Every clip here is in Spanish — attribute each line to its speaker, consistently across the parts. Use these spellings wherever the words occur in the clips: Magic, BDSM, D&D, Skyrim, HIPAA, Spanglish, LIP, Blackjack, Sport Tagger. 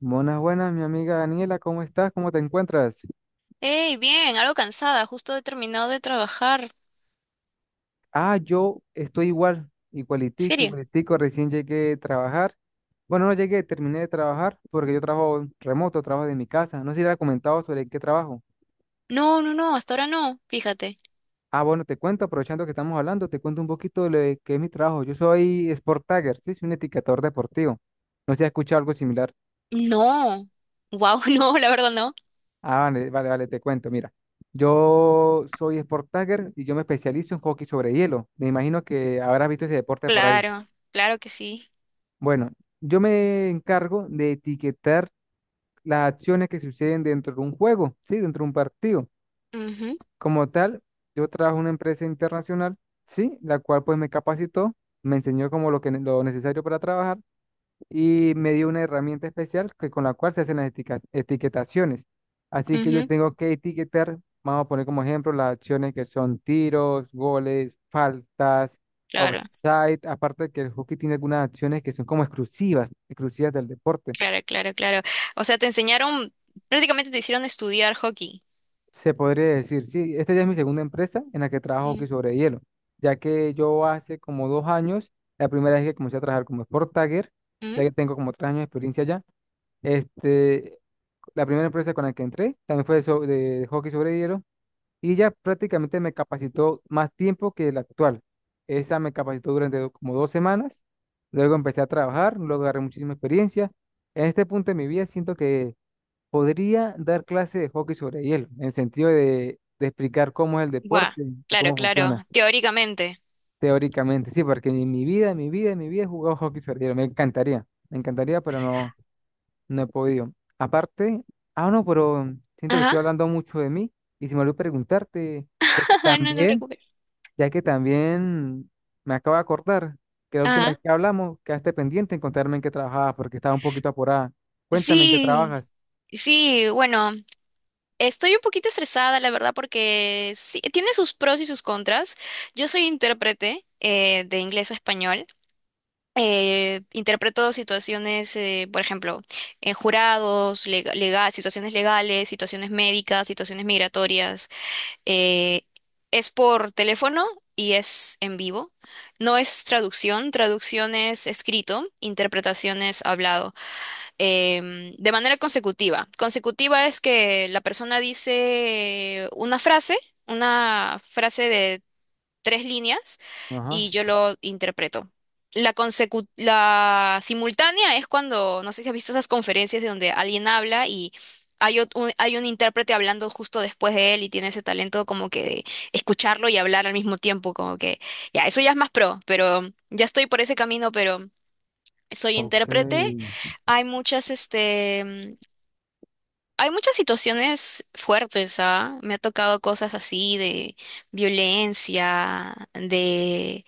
Speaker 1: Buenas, buenas, mi amiga Daniela, ¿cómo estás? ¿Cómo te encuentras?
Speaker 2: Hey, bien, algo cansada, justo he terminado de trabajar.
Speaker 1: Ah, yo estoy igual, igualitico,
Speaker 2: ¿Serio?
Speaker 1: igualitico, recién llegué a trabajar. Bueno, no llegué, terminé de trabajar porque yo trabajo remoto, trabajo de mi casa. No sé si le he comentado sobre qué trabajo.
Speaker 2: No, hasta ahora no, fíjate.
Speaker 1: Ah, bueno, te cuento, aprovechando que estamos hablando, te cuento un poquito de lo de qué es mi trabajo. Yo soy Sport Tagger, sí, soy un etiquetador deportivo. No sé si has escuchado algo similar.
Speaker 2: No. Wow, no, la verdad no.
Speaker 1: Ah, vale, vale, vale, te cuento, mira. Yo soy Sport Tagger y yo me especializo en hockey sobre hielo. Me imagino que habrás visto ese deporte por ahí.
Speaker 2: Claro, claro que sí.
Speaker 1: Bueno, yo me encargo de etiquetar las acciones que suceden dentro de un juego, ¿sí? Dentro de un partido.
Speaker 2: Ujú,
Speaker 1: Como tal, yo trabajo en una empresa internacional, ¿sí? La cual pues me capacitó, me enseñó como lo que, lo necesario para trabajar y me dio una herramienta especial que, con la cual se hacen las etiquetaciones. Así que yo
Speaker 2: ujú.
Speaker 1: tengo que etiquetar, vamos a poner como ejemplo las acciones que son tiros, goles, faltas,
Speaker 2: Claro,
Speaker 1: offside, aparte que el hockey tiene algunas acciones que son como exclusivas, exclusivas del deporte.
Speaker 2: claro, claro, claro. O sea, te enseñaron, prácticamente te hicieron estudiar hockey.
Speaker 1: Se podría decir, sí, esta ya es mi segunda empresa en la que trabajo hockey
Speaker 2: Mm,
Speaker 1: sobre hielo, ya que yo hace como 2 años, la primera vez que comencé a trabajar como sport tagger,
Speaker 2: mm.
Speaker 1: ya que tengo como 3 años de experiencia ya, este, la primera empresa con la que entré también fue de, de hockey sobre hielo y ella prácticamente me capacitó más tiempo que la actual. Esa me capacitó durante como 2 semanas, luego empecé a trabajar, luego agarré muchísima experiencia. En este punto de mi vida siento que podría dar clase de hockey sobre hielo, en el sentido de explicar cómo es el
Speaker 2: Guau,
Speaker 1: deporte y
Speaker 2: claro,
Speaker 1: cómo
Speaker 2: claro,
Speaker 1: funciona
Speaker 2: teóricamente.
Speaker 1: teóricamente. Sí, porque en mi vida, en mi vida, en mi vida he jugado hockey sobre hielo. Me encantaría, pero no. No he podido. Aparte, ah, no, pero siento que
Speaker 2: Ajá.
Speaker 1: estoy hablando mucho de mí y si me olvidó preguntarte, ya que
Speaker 2: No te
Speaker 1: también,
Speaker 2: preocupes.
Speaker 1: ya que también me acabo de acordar que la última vez
Speaker 2: Ajá.
Speaker 1: que hablamos quedaste pendiente en contarme en qué trabajabas porque estaba un poquito apurada. Cuéntame en qué trabajas.
Speaker 2: Sí, sí, bueno. Estoy un poquito estresada, la verdad, porque sí, tiene sus pros y sus contras. Yo soy intérprete de inglés a español. Interpreto situaciones, por ejemplo, en jurados, situaciones legales, situaciones médicas, situaciones migratorias. Eh, es por teléfono y es en vivo. No es traducción, traducción es escrito, interpretación es hablado de manera consecutiva. Consecutiva es que la persona dice una frase de tres líneas y
Speaker 1: Ajá.
Speaker 2: yo lo interpreto. La simultánea es cuando, no sé si has visto esas conferencias de donde alguien habla y hay un intérprete hablando justo después de él y tiene ese talento como que de escucharlo y hablar al mismo tiempo, como que ya, eso ya es más pro, pero ya estoy por ese camino, pero soy
Speaker 1: Ok.
Speaker 2: intérprete, hay muchas, este, hay muchas situaciones fuertes, ¿ah? Me ha tocado cosas así de violencia, de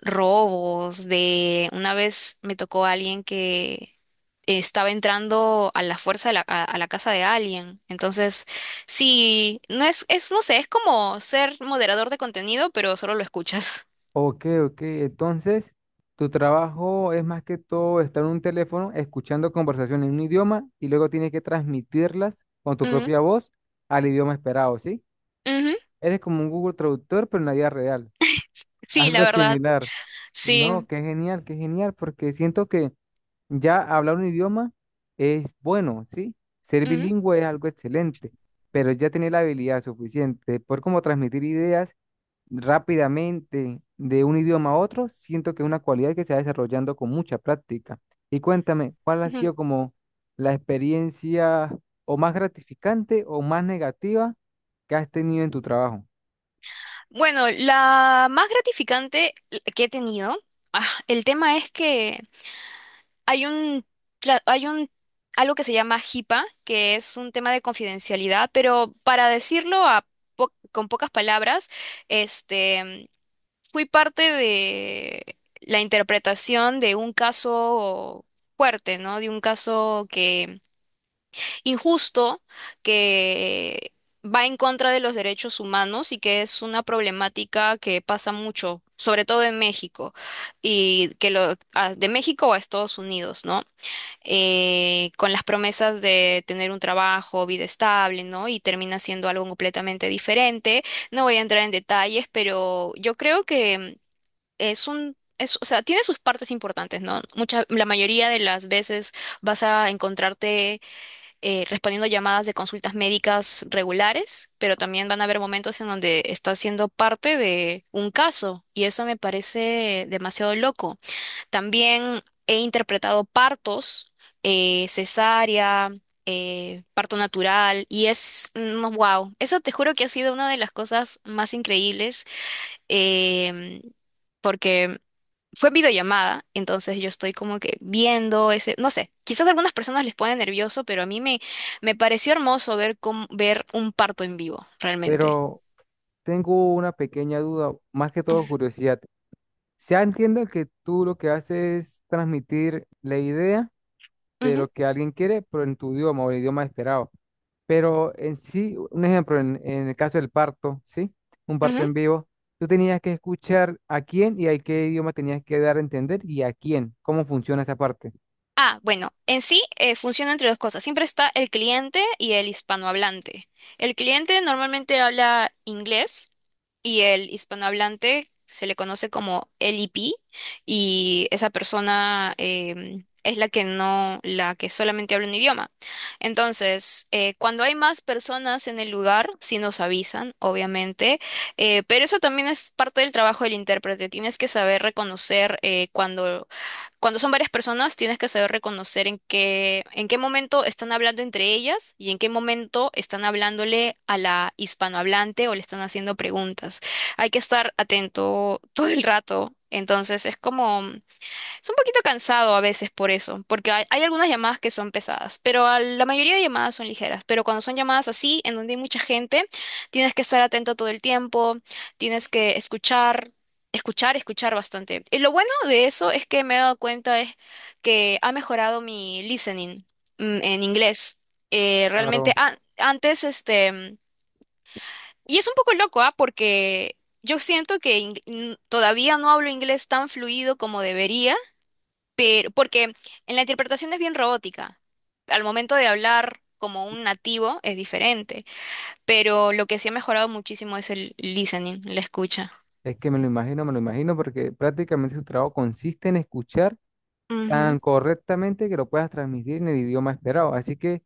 Speaker 2: robos, de una vez me tocó a alguien que estaba entrando a la fuerza a la casa de alguien. Entonces, sí, no sé, es como ser moderador de contenido, pero solo lo escuchas.
Speaker 1: Ok, ok. Entonces, tu trabajo es más que todo estar en un teléfono escuchando conversaciones en un idioma y luego tienes que transmitirlas con tu
Speaker 2: Ujú,
Speaker 1: propia voz al idioma esperado, ¿sí?
Speaker 2: ujú.
Speaker 1: Eres como un Google Traductor, pero en la vida real.
Speaker 2: Sí, la
Speaker 1: Algo
Speaker 2: verdad,
Speaker 1: similar. No,
Speaker 2: sí.
Speaker 1: qué genial, porque siento que ya hablar un idioma es bueno, ¿sí? Ser
Speaker 2: Ujú,
Speaker 1: bilingüe es algo excelente, pero ya tener la habilidad suficiente por poder como transmitir ideas rápidamente de un idioma a otro, siento que es una cualidad que se va desarrollando con mucha práctica. Y cuéntame, ¿cuál ha
Speaker 2: ujú.
Speaker 1: sido como la experiencia o más gratificante o más negativa que has tenido en tu trabajo?
Speaker 2: Bueno, la más gratificante que he tenido, ah, el tema es que hay un, hay un, algo que se llama HIPAA, que es un tema de confidencialidad, pero para decirlo a con pocas palabras, este, fui parte de la interpretación de un caso fuerte, ¿no? De un caso injusto, que va en contra de los derechos humanos y que es una problemática que pasa mucho, sobre todo en México, y que de México a Estados Unidos, ¿no? Con las promesas de tener un trabajo, vida estable, ¿no? Y termina siendo algo completamente diferente. No voy a entrar en detalles, pero yo creo que es un... o sea, tiene sus partes importantes, ¿no? Mucha, la mayoría de las veces vas a encontrarte respondiendo llamadas de consultas médicas regulares, pero también van a haber momentos en donde estás siendo parte de un caso y eso me parece demasiado loco. También he interpretado partos, cesárea, parto natural y es wow, eso te juro que ha sido una de las cosas más increíbles, em, porque fue videollamada, entonces yo estoy como que viendo ese, no sé, quizás a algunas personas les pone nervioso, pero a mí me, me pareció hermoso ver cómo, ver un parto en vivo, realmente.
Speaker 1: Pero tengo una pequeña duda, más que
Speaker 2: Ujú,
Speaker 1: todo curiosidad. Ya entiendo que tú lo que haces es transmitir la idea de
Speaker 2: ujú,
Speaker 1: lo que alguien quiere, pero en tu idioma o el idioma esperado. Pero en sí, un ejemplo, en el caso del parto, ¿sí? Un parto
Speaker 2: ujú.
Speaker 1: en vivo, tú tenías que escuchar a quién y a qué idioma tenías que dar a entender y a quién, cómo funciona esa parte.
Speaker 2: Ah, bueno, en sí funciona entre dos cosas. Siempre está el cliente y el hispanohablante. El cliente normalmente habla inglés, y el hispanohablante se le conoce como LIP y esa persona es la que no, la que solamente habla un idioma. Entonces, cuando hay más personas en el lugar, sí nos avisan, obviamente, pero eso también es parte del trabajo del intérprete. Tienes que saber reconocer cuando son varias personas, tienes que saber reconocer en qué momento están hablando entre ellas y en qué momento están hablándole a la hispanohablante o le están haciendo preguntas. Hay que estar atento todo el rato. Entonces, es como es un poquito cansado a veces por eso, porque hay algunas llamadas que son pesadas, pero a la mayoría de llamadas son ligeras. Pero cuando son llamadas así, en donde hay mucha gente, tienes que estar atento todo el tiempo, tienes que escuchar, escuchar, escuchar bastante. Y lo bueno de eso es que me he dado cuenta es que ha mejorado mi listening, en inglés.
Speaker 1: Claro,
Speaker 2: Antes, este, y es un poco loco, ¿ah? Porque yo siento que todavía no hablo inglés tan fluido como debería pero, porque en la interpretación es bien robótica. Al momento de hablar como un nativo es diferente, pero lo que sí ha mejorado muchísimo es el listening, la escucha.
Speaker 1: es que me lo imagino, porque prácticamente su trabajo consiste en escuchar
Speaker 2: Ujú,
Speaker 1: tan correctamente que lo puedas transmitir en el idioma esperado. Así que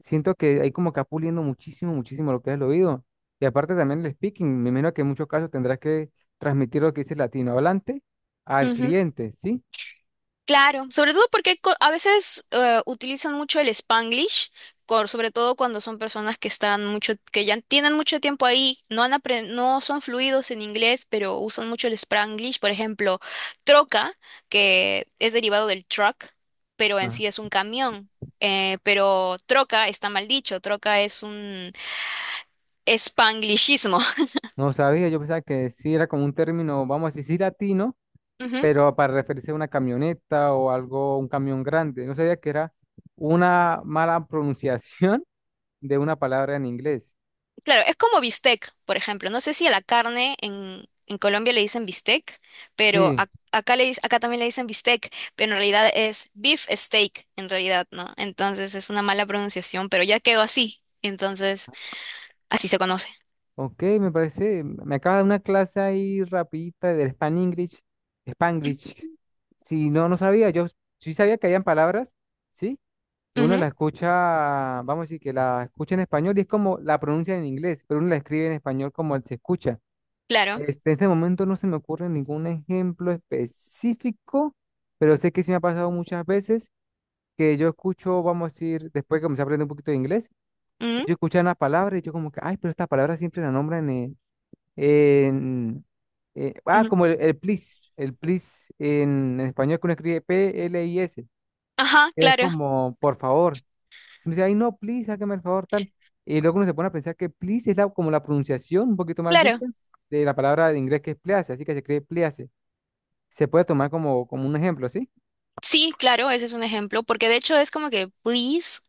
Speaker 1: siento que ahí como que va puliendo muchísimo, muchísimo lo que es el oído. Y aparte también el speaking, me imagino que en muchos casos tendrás que transmitir lo que dice el latino hablante al
Speaker 2: ujú.
Speaker 1: cliente, ¿sí?
Speaker 2: Claro, sobre todo porque a veces utilizan mucho el Spanglish, sobre todo cuando son personas que están mucho, que ya tienen mucho tiempo ahí, no son fluidos en inglés, pero usan mucho el Spanglish. Por ejemplo, troca, que es derivado del truck, pero en
Speaker 1: Ah,
Speaker 2: sí es un camión. Pero troca está mal dicho, troca es un Spanglishismo.
Speaker 1: no sabía, yo pensaba que sí era como un término, vamos a decir, sí latino, pero para referirse a una camioneta o algo, un camión grande. No sabía que era una mala pronunciación de una palabra en inglés.
Speaker 2: Claro, es como bistec, por ejemplo. No sé si a la carne en Colombia le dicen bistec, pero
Speaker 1: Sí.
Speaker 2: acá, acá también le dicen bistec, pero en realidad es beef steak, en realidad, ¿no? Entonces es una mala pronunciación, pero ya quedó así. Entonces, así se conoce.
Speaker 1: Ok, me parece, me acaba de dar una clase ahí rapidita del Span English, Spanglish. Si no, no sabía, yo sí sabía que habían palabras, ¿sí? Que uno
Speaker 2: Ujú,
Speaker 1: la escucha, vamos a decir, que la escucha en español y es como la pronuncia en inglés, pero uno la escribe en español como él se escucha.
Speaker 2: claro.
Speaker 1: Este, en este momento no se me ocurre ningún ejemplo específico, pero sé que sí me ha pasado muchas veces que yo escucho, vamos a decir, después que comencé a aprender un poquito de inglés, yo escuchaba una palabra y yo como que, ay, pero esta palabra siempre la nombran en en- ah,
Speaker 2: Ujú, ujú.
Speaker 1: como el please en español que uno escribe PLIS,
Speaker 2: Ajá,
Speaker 1: que es
Speaker 2: claro,
Speaker 1: como por favor. Uno dice, ay, no, please, hágame el favor, tal. Y luego uno se pone a pensar que please es la, como la pronunciación, un poquito mal dicha,
Speaker 2: claro.
Speaker 1: de la palabra de inglés que es please, así que se escribe please. Se puede tomar como, como un ejemplo, ¿sí?
Speaker 2: Sí, claro, ese es un ejemplo, porque de hecho es como que please,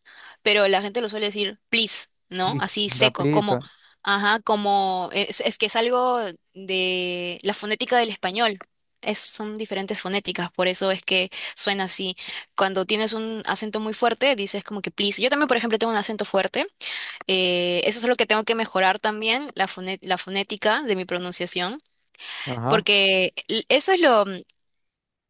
Speaker 2: pero la gente lo suele decir please, ¿no?
Speaker 1: Please,
Speaker 2: Así seco, como,
Speaker 1: rapidito.
Speaker 2: ajá, como, es que es algo de la fonética del español. Es, son diferentes fonéticas, por eso es que suena así. Cuando tienes un acento muy fuerte, dices como que please. Yo también, por ejemplo, tengo un acento fuerte, eso es lo que tengo que mejorar también, la fonética de mi pronunciación,
Speaker 1: Ajá.
Speaker 2: porque eso es lo,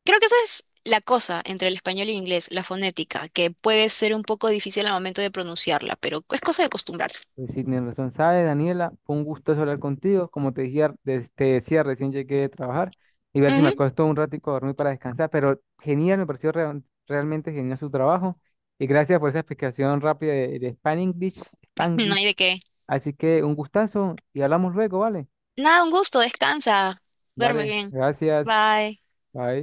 Speaker 2: creo que esa es la cosa entre el español y el inglés, la fonética, que puede ser un poco difícil al momento de pronunciarla, pero es cosa de acostumbrarse.
Speaker 1: Pues sí, tienes razón. ¿Sabes, Daniela? Fue un gusto hablar contigo. Como te decía, te decía, recién llegué de trabajar y ver si me
Speaker 2: Ujú.
Speaker 1: acuesto un ratico a dormir para descansar. Pero genial, me pareció realmente genial su trabajo. Y gracias por esa explicación rápida de Spanglish,
Speaker 2: No hay
Speaker 1: Spanglish.
Speaker 2: de qué.
Speaker 1: Así que un gustazo y hablamos luego, ¿vale?
Speaker 2: Nada, un gusto, descansa, duerme
Speaker 1: Dale,
Speaker 2: bien.
Speaker 1: gracias.
Speaker 2: Bye.
Speaker 1: Bye.